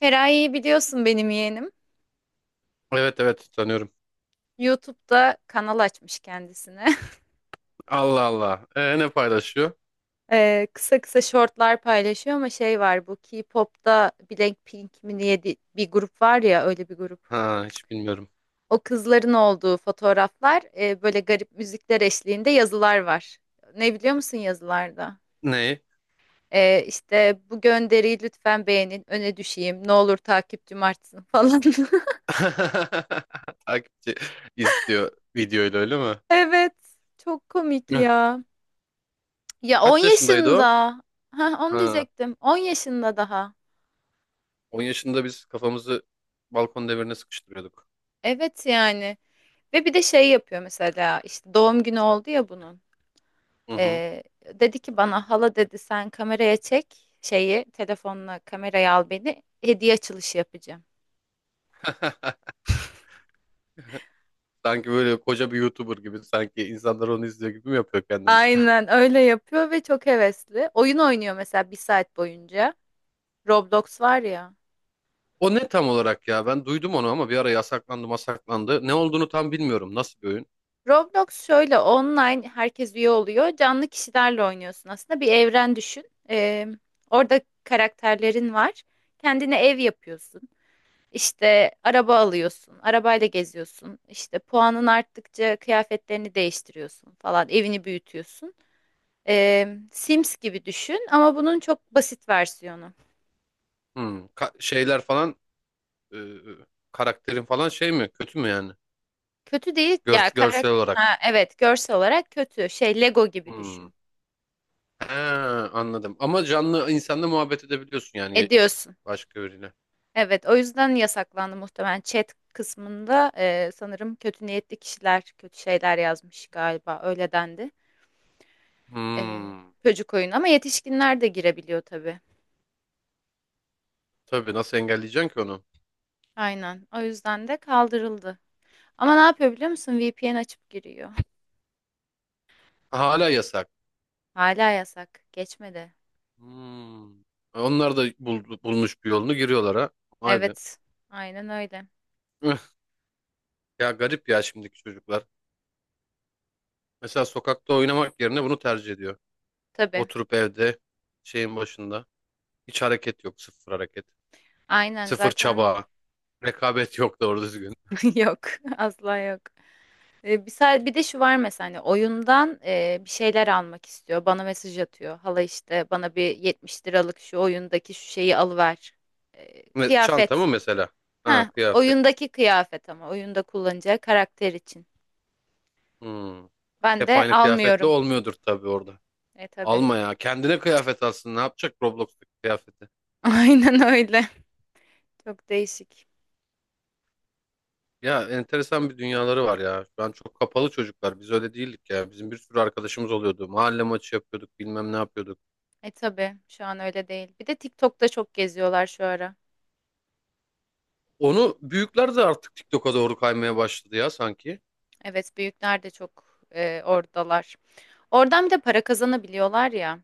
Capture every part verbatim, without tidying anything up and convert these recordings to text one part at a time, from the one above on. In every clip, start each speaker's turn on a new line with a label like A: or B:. A: Feraye'yi biliyorsun benim yeğenim.
B: Evet evet tanıyorum.
A: YouTube'da kanal açmış kendisine.
B: Allah Allah. Ee, ne paylaşıyor?
A: Ee, kısa kısa shortlar paylaşıyor ama şey var bu K-pop'ta Blackpink mi diye di- bir grup var ya öyle bir grup.
B: Ha hiç bilmiyorum.
A: O kızların olduğu fotoğraflar e, böyle garip müzikler eşliğinde yazılar var. Ne biliyor musun yazılarda?
B: Neyi?
A: Ee, işte bu gönderiyi lütfen beğenin, öne düşeyim, ne olur takipçim artsın falan.
B: Takipçi istiyor videoyla öyle mi?
A: Evet, çok komik
B: Hıh.
A: ya. Ya on
B: Kaç yaşındaydı
A: yaşında.
B: o?
A: Ha, onu
B: Ha,
A: diyecektim. On yaşında daha.
B: on yaşında biz kafamızı balkon demirine sıkıştırıyorduk.
A: Evet yani. Ve bir de şey yapıyor mesela, işte doğum günü oldu ya bunun.
B: Hı hı.
A: Ee, dedi ki bana, hala dedi, sen kameraya çek şeyi, telefonla kameraya al beni, hediye açılışı yapacağım.
B: Sanki böyle koca bir YouTuber gibi sanki insanlar onu izliyor gibi mi yapıyor kendini?
A: Aynen öyle yapıyor ve çok hevesli. Oyun oynuyor mesela bir saat boyunca. Roblox var ya.
B: O ne tam olarak ya? Ben duydum onu ama bir ara yasaklandı masaklandı. Ne olduğunu tam bilmiyorum. Nasıl bir oyun?
A: Roblox şöyle, online herkes üye oluyor. Canlı kişilerle oynuyorsun aslında. Bir evren düşün. Ee, orada karakterlerin var. Kendine ev yapıyorsun. İşte araba alıyorsun. Arabayla geziyorsun. İşte puanın arttıkça kıyafetlerini değiştiriyorsun falan. Evini büyütüyorsun. Ee, Sims gibi düşün ama bunun çok basit versiyonu.
B: Hmm. Ka- şeyler falan e, karakterin falan şey mi? Kötü mü yani?
A: Kötü değil ya
B: Gör- görsel olarak.
A: karakter. Evet, görsel olarak kötü. Şey, Lego gibi
B: Hmm.
A: düşün.
B: He, anladım. Ama canlı insanla muhabbet edebiliyorsun yani
A: Ediyorsun.
B: başka biriyle.
A: Evet, o yüzden yasaklandı muhtemelen. Chat kısmında e, sanırım kötü niyetli kişiler kötü şeyler yazmış galiba. Öyle dendi. E,
B: Hmm.
A: çocuk oyunu ama yetişkinler de girebiliyor tabii.
B: Tabii nasıl engelleyeceksin ki onu?
A: Aynen. O yüzden de kaldırıldı. Ama ne yapıyor biliyor musun? V P N açıp giriyor.
B: Hala yasak.
A: Hala yasak. Geçmedi.
B: Hmm. Onlar da bul- bulmuş bir yolunu giriyorlar ha. Vay be.
A: Evet. Aynen öyle.
B: Üh. Ya garip ya şimdiki çocuklar. Mesela sokakta oynamak yerine bunu tercih ediyor.
A: Tabii.
B: Oturup evde şeyin başında. Hiç hareket yok. Sıfır hareket.
A: Aynen
B: Sıfır
A: zaten.
B: çaba. Rekabet yok doğru düzgün.
A: Yok. Asla yok. E, Bir, sa- bir de şu var mesela, hani oyundan e, bir şeyler almak istiyor. Bana mesaj atıyor. Hala, işte bana bir 70 liralık şu oyundaki şu şeyi alıver. E,
B: Ve çanta
A: kıyafet.
B: mı mesela? Ha
A: Ha,
B: kıyafet.
A: oyundaki kıyafet ama oyunda kullanacağı karakter için.
B: Hmm.
A: Ben
B: Hep
A: de
B: aynı kıyafetle
A: almıyorum.
B: olmuyordur tabii orada.
A: E tabii.
B: Alma ya. Kendine kıyafet alsın. Ne yapacak Roblox'taki kıyafeti?
A: Aynen öyle. Çok değişik.
B: Ya enteresan bir dünyaları var ya. Şu an çok kapalı çocuklar. Biz öyle değildik ya. Bizim bir sürü arkadaşımız oluyordu. Mahalle maçı yapıyorduk. Bilmem ne yapıyorduk.
A: E tabii şu an öyle değil. Bir de TikTok'ta çok geziyorlar şu ara.
B: Onu büyükler de artık TikTok'a doğru kaymaya başladı ya sanki.
A: Evet, büyükler de çok e, oradalar. Oradan bir de para kazanabiliyorlar ya.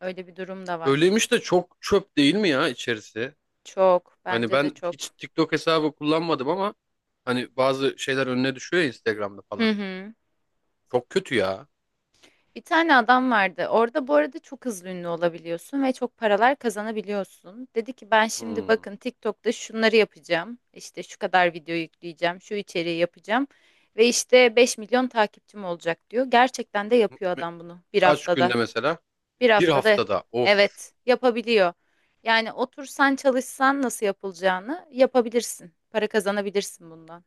A: Öyle bir durum da var.
B: Öyleymiş de çok çöp değil mi ya içerisi?
A: Çok,
B: Hani
A: bence de
B: ben hiç
A: çok.
B: TikTok hesabı kullanmadım ama hani bazı şeyler önüne düşüyor ya Instagram'da
A: Hı
B: falan.
A: hı.
B: Çok kötü ya.
A: Bir tane adam vardı. Orada, bu arada, çok hızlı ünlü olabiliyorsun ve çok paralar kazanabiliyorsun. Dedi ki, ben şimdi
B: Hmm.
A: bakın TikTok'ta şunları yapacağım. İşte şu kadar video yükleyeceğim, şu içeriği yapacağım ve işte beş milyon takipçim olacak diyor. Gerçekten de yapıyor adam bunu bir
B: Kaç günde
A: haftada.
B: mesela?
A: Bir
B: Bir
A: haftada,
B: haftada of.
A: evet, yapabiliyor. Yani otursan çalışsan, nasıl yapılacağını yapabilirsin. Para kazanabilirsin bundan.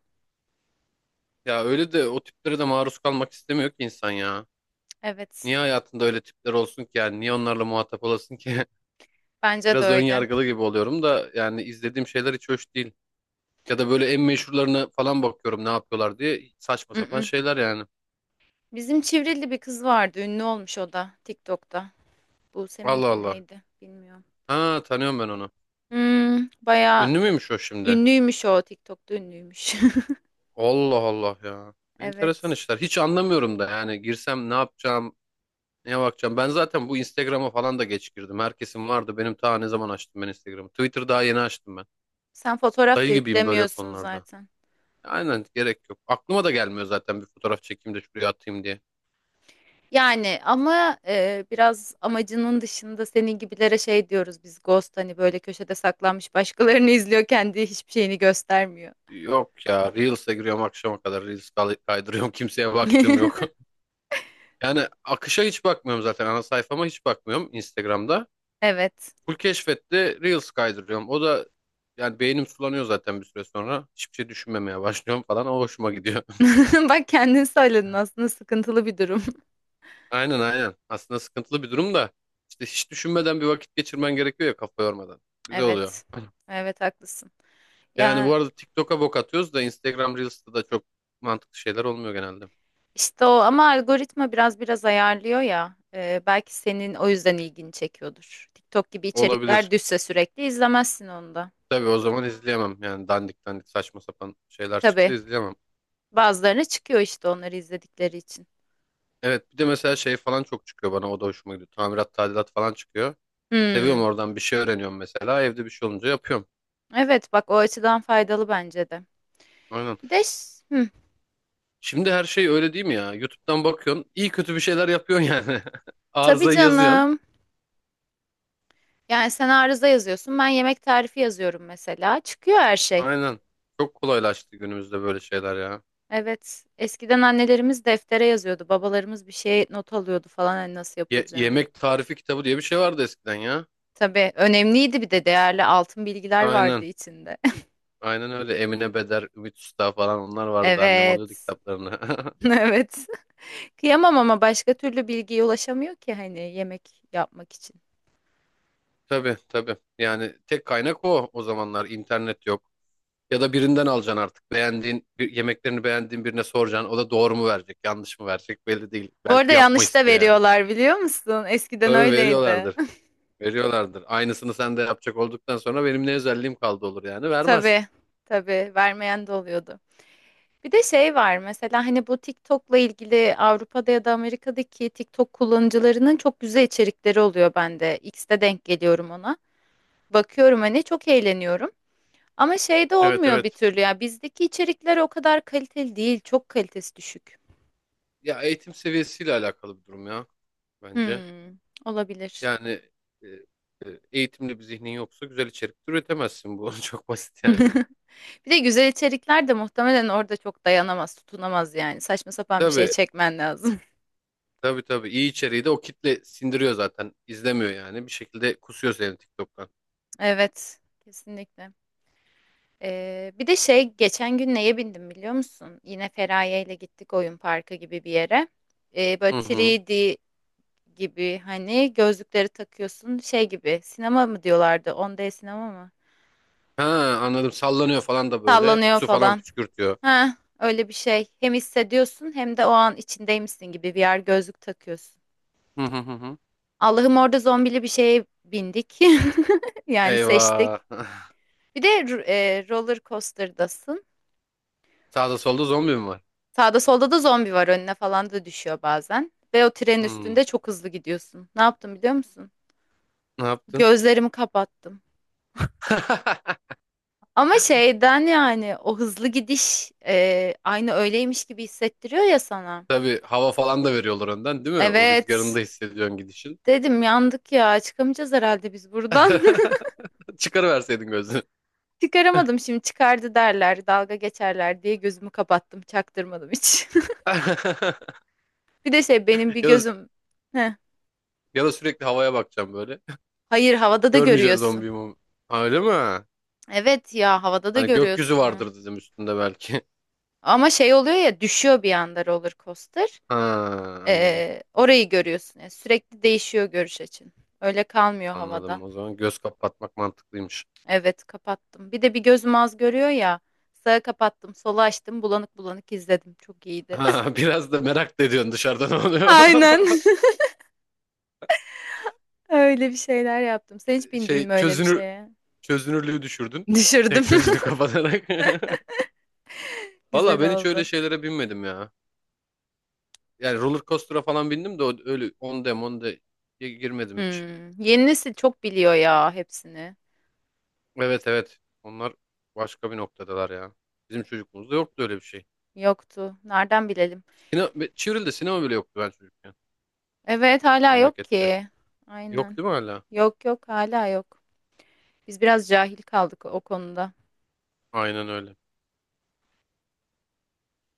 B: Ya öyle de o tiplere de maruz kalmak istemiyor ki insan ya.
A: Evet,
B: Niye hayatında öyle tipler olsun ki yani? Niye onlarla muhatap olasın ki?
A: bence de
B: Biraz ön
A: öyle.
B: yargılı gibi oluyorum da yani izlediğim şeyler hiç hoş değil. Ya da böyle en meşhurlarına falan bakıyorum ne yapıyorlar diye saçma sapan şeyler yani.
A: Bizim Çivril'li bir kız vardı. Ünlü olmuş o da TikTok'ta. Buse
B: Allah
A: miydi
B: Allah.
A: neydi bilmiyorum.
B: Ha tanıyorum ben onu.
A: Hmm, bayağı
B: Ünlü
A: pa-
B: müymüş o şimdi?
A: ünlüymüş, o TikTok'ta ünlüymüş.
B: Allah Allah ya. Enteresan
A: Evet.
B: işler. Hiç anlamıyorum da yani girsem ne yapacağım, neye bakacağım? Ben zaten bu Instagram'a falan da geç girdim. Herkesin vardı. Benim ta ne zaman açtım ben Instagram'ı. Twitter daha yeni açtım ben.
A: Sen fotoğraf
B: Dayı
A: da
B: gibiyim böyle
A: yüklemiyorsun
B: konularda.
A: zaten.
B: Aynen gerek yok. Aklıma da gelmiyor zaten bir fotoğraf çekeyim de şuraya atayım diye.
A: Yani ama e, biraz amacının dışında, senin gibilere şey diyoruz biz, ghost, hani böyle köşede saklanmış, başkalarını izliyor, kendi hiçbir şeyini göstermiyor.
B: Yok ya Reels'e giriyorum akşama kadar Reels kay- kaydırıyorum kimseye baktığım yok. Yani akışa hiç bakmıyorum zaten ana sayfama hiç bakmıyorum Instagram'da.
A: Evet.
B: Full keşfette Reels kaydırıyorum. O da yani beynim sulanıyor zaten bir süre sonra. Hiçbir şey düşünmemeye başlıyorum falan o hoşuma gidiyor.
A: Bak, kendin söyledin, aslında sıkıntılı bir durum.
B: Aynen aynen. Aslında sıkıntılı bir durum da işte hiç düşünmeden bir vakit geçirmen gerekiyor ya kafa yormadan. Güzel oluyor.
A: Evet. Evet, haklısın.
B: Yani bu
A: Ya,
B: arada TikTok'a bok atıyoruz da Instagram Reels'ta da çok mantıklı şeyler olmuyor genelde.
A: İşte o ama algoritma biraz biraz ayarlıyor ya. E, belki senin o yüzden ilgini çekiyordur. TikTok gibi
B: Olabilir.
A: içerikler düşse sürekli izlemezsin onu da.
B: Tabii o zaman izleyemem. Yani dandik dandik saçma sapan şeyler çıksa
A: Tabii,
B: izleyemem.
A: bazılarına çıkıyor işte, onları izledikleri için.
B: Evet bir de mesela şey falan çok çıkıyor bana o da hoşuma gidiyor. Tamirat tadilat falan çıkıyor. Seviyorum
A: Hmm,
B: oradan bir şey öğreniyorum mesela. Evde bir şey olunca yapıyorum.
A: evet, bak, o açıdan faydalı bence de.
B: Aynen.
A: Bir de ş- hmm,
B: Şimdi her şey öyle değil mi ya? YouTube'dan bakıyorsun. İyi kötü bir şeyler yapıyorsun yani.
A: tabii
B: Arızayı yazıyorsun.
A: canım. Yani sen arıza yazıyorsun, ben yemek tarifi yazıyorum mesela. Çıkıyor her şey.
B: Aynen. Çok kolaylaştı günümüzde böyle şeyler ya.
A: Evet, eskiden annelerimiz deftere yazıyordu. Babalarımız bir şeye not alıyordu falan, hani nasıl
B: Ye-
A: yapılacağını.
B: yemek tarifi kitabı diye bir şey vardı eskiden ya.
A: Tabii, önemliydi, bir de değerli altın bilgiler vardı
B: Aynen.
A: içinde.
B: Aynen öyle. Emine Beder, Ümit Usta falan onlar vardı. Annem
A: Evet.
B: alıyordu kitaplarını.
A: Evet. Kıyamam ama başka türlü bilgiye ulaşamıyor ki hani, yemek yapmak için.
B: Tabii tabii. Yani tek kaynak o o zamanlar. İnternet yok. Ya da birinden alacaksın artık. Beğendiğin, bir, yemeklerini beğendiğin birine soracaksın. O da doğru mu verecek, yanlış mı verecek belli değil.
A: Bu arada
B: Belki yapma
A: yanlış da
B: istiyor yani.
A: veriyorlar, biliyor musun? Eskiden
B: Tabii
A: öyleydi.
B: veriyorlardır. Veriyorlardır. Aynısını sen de yapacak olduktan sonra benim ne özelliğim kaldı olur yani. Vermez.
A: Tabii. Tabii vermeyen de oluyordu. Bir de şey var mesela, hani bu TikTok'la ilgili, Avrupa'da ya da Amerika'daki TikTok kullanıcılarının çok güzel içerikleri oluyor bende. X'te denk geliyorum ona. Bakıyorum hani, çok eğleniyorum. Ama şey de
B: Evet
A: olmuyor bir
B: evet.
A: türlü ya. Bizdeki içerikler o kadar kaliteli değil. Çok kalitesi düşük.
B: Ya eğitim seviyesiyle alakalı bir durum ya bence.
A: Hmm, olabilir.
B: Yani e, e, eğitimli bir zihnin yoksa güzel içerik de üretemezsin bu. Çok basit yani.
A: Bir de güzel içerikler de muhtemelen orada çok dayanamaz, tutunamaz yani. Saçma sapan bir şey
B: Tabii
A: çekmen lazım.
B: tabii tabii iyi içeriği de o kitle sindiriyor zaten. İzlemiyor yani. Bir şekilde kusuyor seni TikTok'tan.
A: Evet, kesinlikle. Ee, bir de şey, geçen gün neye bindim biliyor musun? Yine Feraye ile gittik oyun parkı gibi bir yere. Ee, böyle
B: Hı hı.
A: üç D gibi, hani gözlükleri takıyorsun, şey gibi, sinema mı diyorlardı? on D sinema mı?
B: Ha anladım. Sallanıyor falan da böyle.
A: Sallanıyor
B: Su falan
A: falan.
B: püskürtüyor.
A: Ha, öyle bir şey. Hem hissediyorsun hem de o an içindeymişsin gibi, V R gözlük takıyorsun.
B: Hı hı hı. Hı.
A: Allah'ım, orada zombili bir şeye bindik. Yani seçtik.
B: Eyvah.
A: Bir de r- e, roller coaster'dasın.
B: Sağda solda zombi mi var?
A: Sağda solda da zombi var, önüne falan da düşüyor bazen. Ve o trenin
B: Hmm.
A: üstünde çok hızlı gidiyorsun. Ne yaptım biliyor musun?
B: Ne yaptın?
A: Gözlerimi kapattım. Ama şeyden, yani o hızlı gidiş e, aynı öyleymiş gibi hissettiriyor ya sana.
B: Tabii hava falan da veriyorlar önden değil mi? O rüzgarını da
A: Evet.
B: hissediyorsun gidişin.
A: Dedim, yandık ya, çıkamayacağız herhalde biz buradan.
B: Çıkarıverseydin gözünü.
A: Çıkaramadım, şimdi çıkardı derler, dalga geçerler diye gözümü kapattım, çaktırmadım hiç. Bir de şey, benim bir
B: Ya da
A: gözüm. Heh.
B: Ya da sürekli havaya bakacağım böyle.
A: Hayır, havada da
B: Görmeyeceğiz
A: görüyorsun.
B: zombiyi mi? Ha, öyle mi?
A: Evet ya, havada da
B: Hani gökyüzü
A: görüyorsun.
B: vardır dedim üstünde belki.
A: Ama şey oluyor ya, düşüyor bir anda roller coaster.
B: Ha anladım.
A: Ee, orayı görüyorsun. Yani sürekli değişiyor görüş açın. Öyle kalmıyor
B: Anladım.
A: havada.
B: O zaman göz kapatmak mantıklıymış.
A: Evet, kapattım. Bir de bir gözüm az görüyor ya. Sağa kapattım, sola açtım, bulanık bulanık izledim. Çok iyiydi.
B: Ha, biraz da merak da ediyorsun dışarıda ne oluyor.
A: Aynen. Öyle bir şeyler yaptım. Sen hiç bindin
B: Şey
A: mi öyle bir
B: çözünür
A: şeye?
B: Çözünürlüğü düşürdün.
A: Düşürdüm.
B: Tek gözünü kapatarak. Valla
A: Güzel
B: ben hiç öyle
A: oldu.
B: şeylere binmedim ya. Yani roller coaster'a falan bindim de o- öyle on dem on de girmedim hiç.
A: Hmm. Yeni nesil çok biliyor ya hepsini.
B: Evet evet. Onlar başka bir noktadalar ya. Bizim çocukluğumuzda yoktu öyle bir şey.
A: Yoktu. Nereden bilelim?
B: Sine Çivril'de sinema bile yoktu ben çocukken
A: Evet, hala yok
B: memlekette.
A: ki.
B: Yok
A: Aynen.
B: değil mi hala?
A: Yok yok, hala yok. Biz biraz cahil kaldık o konuda.
B: Aynen öyle.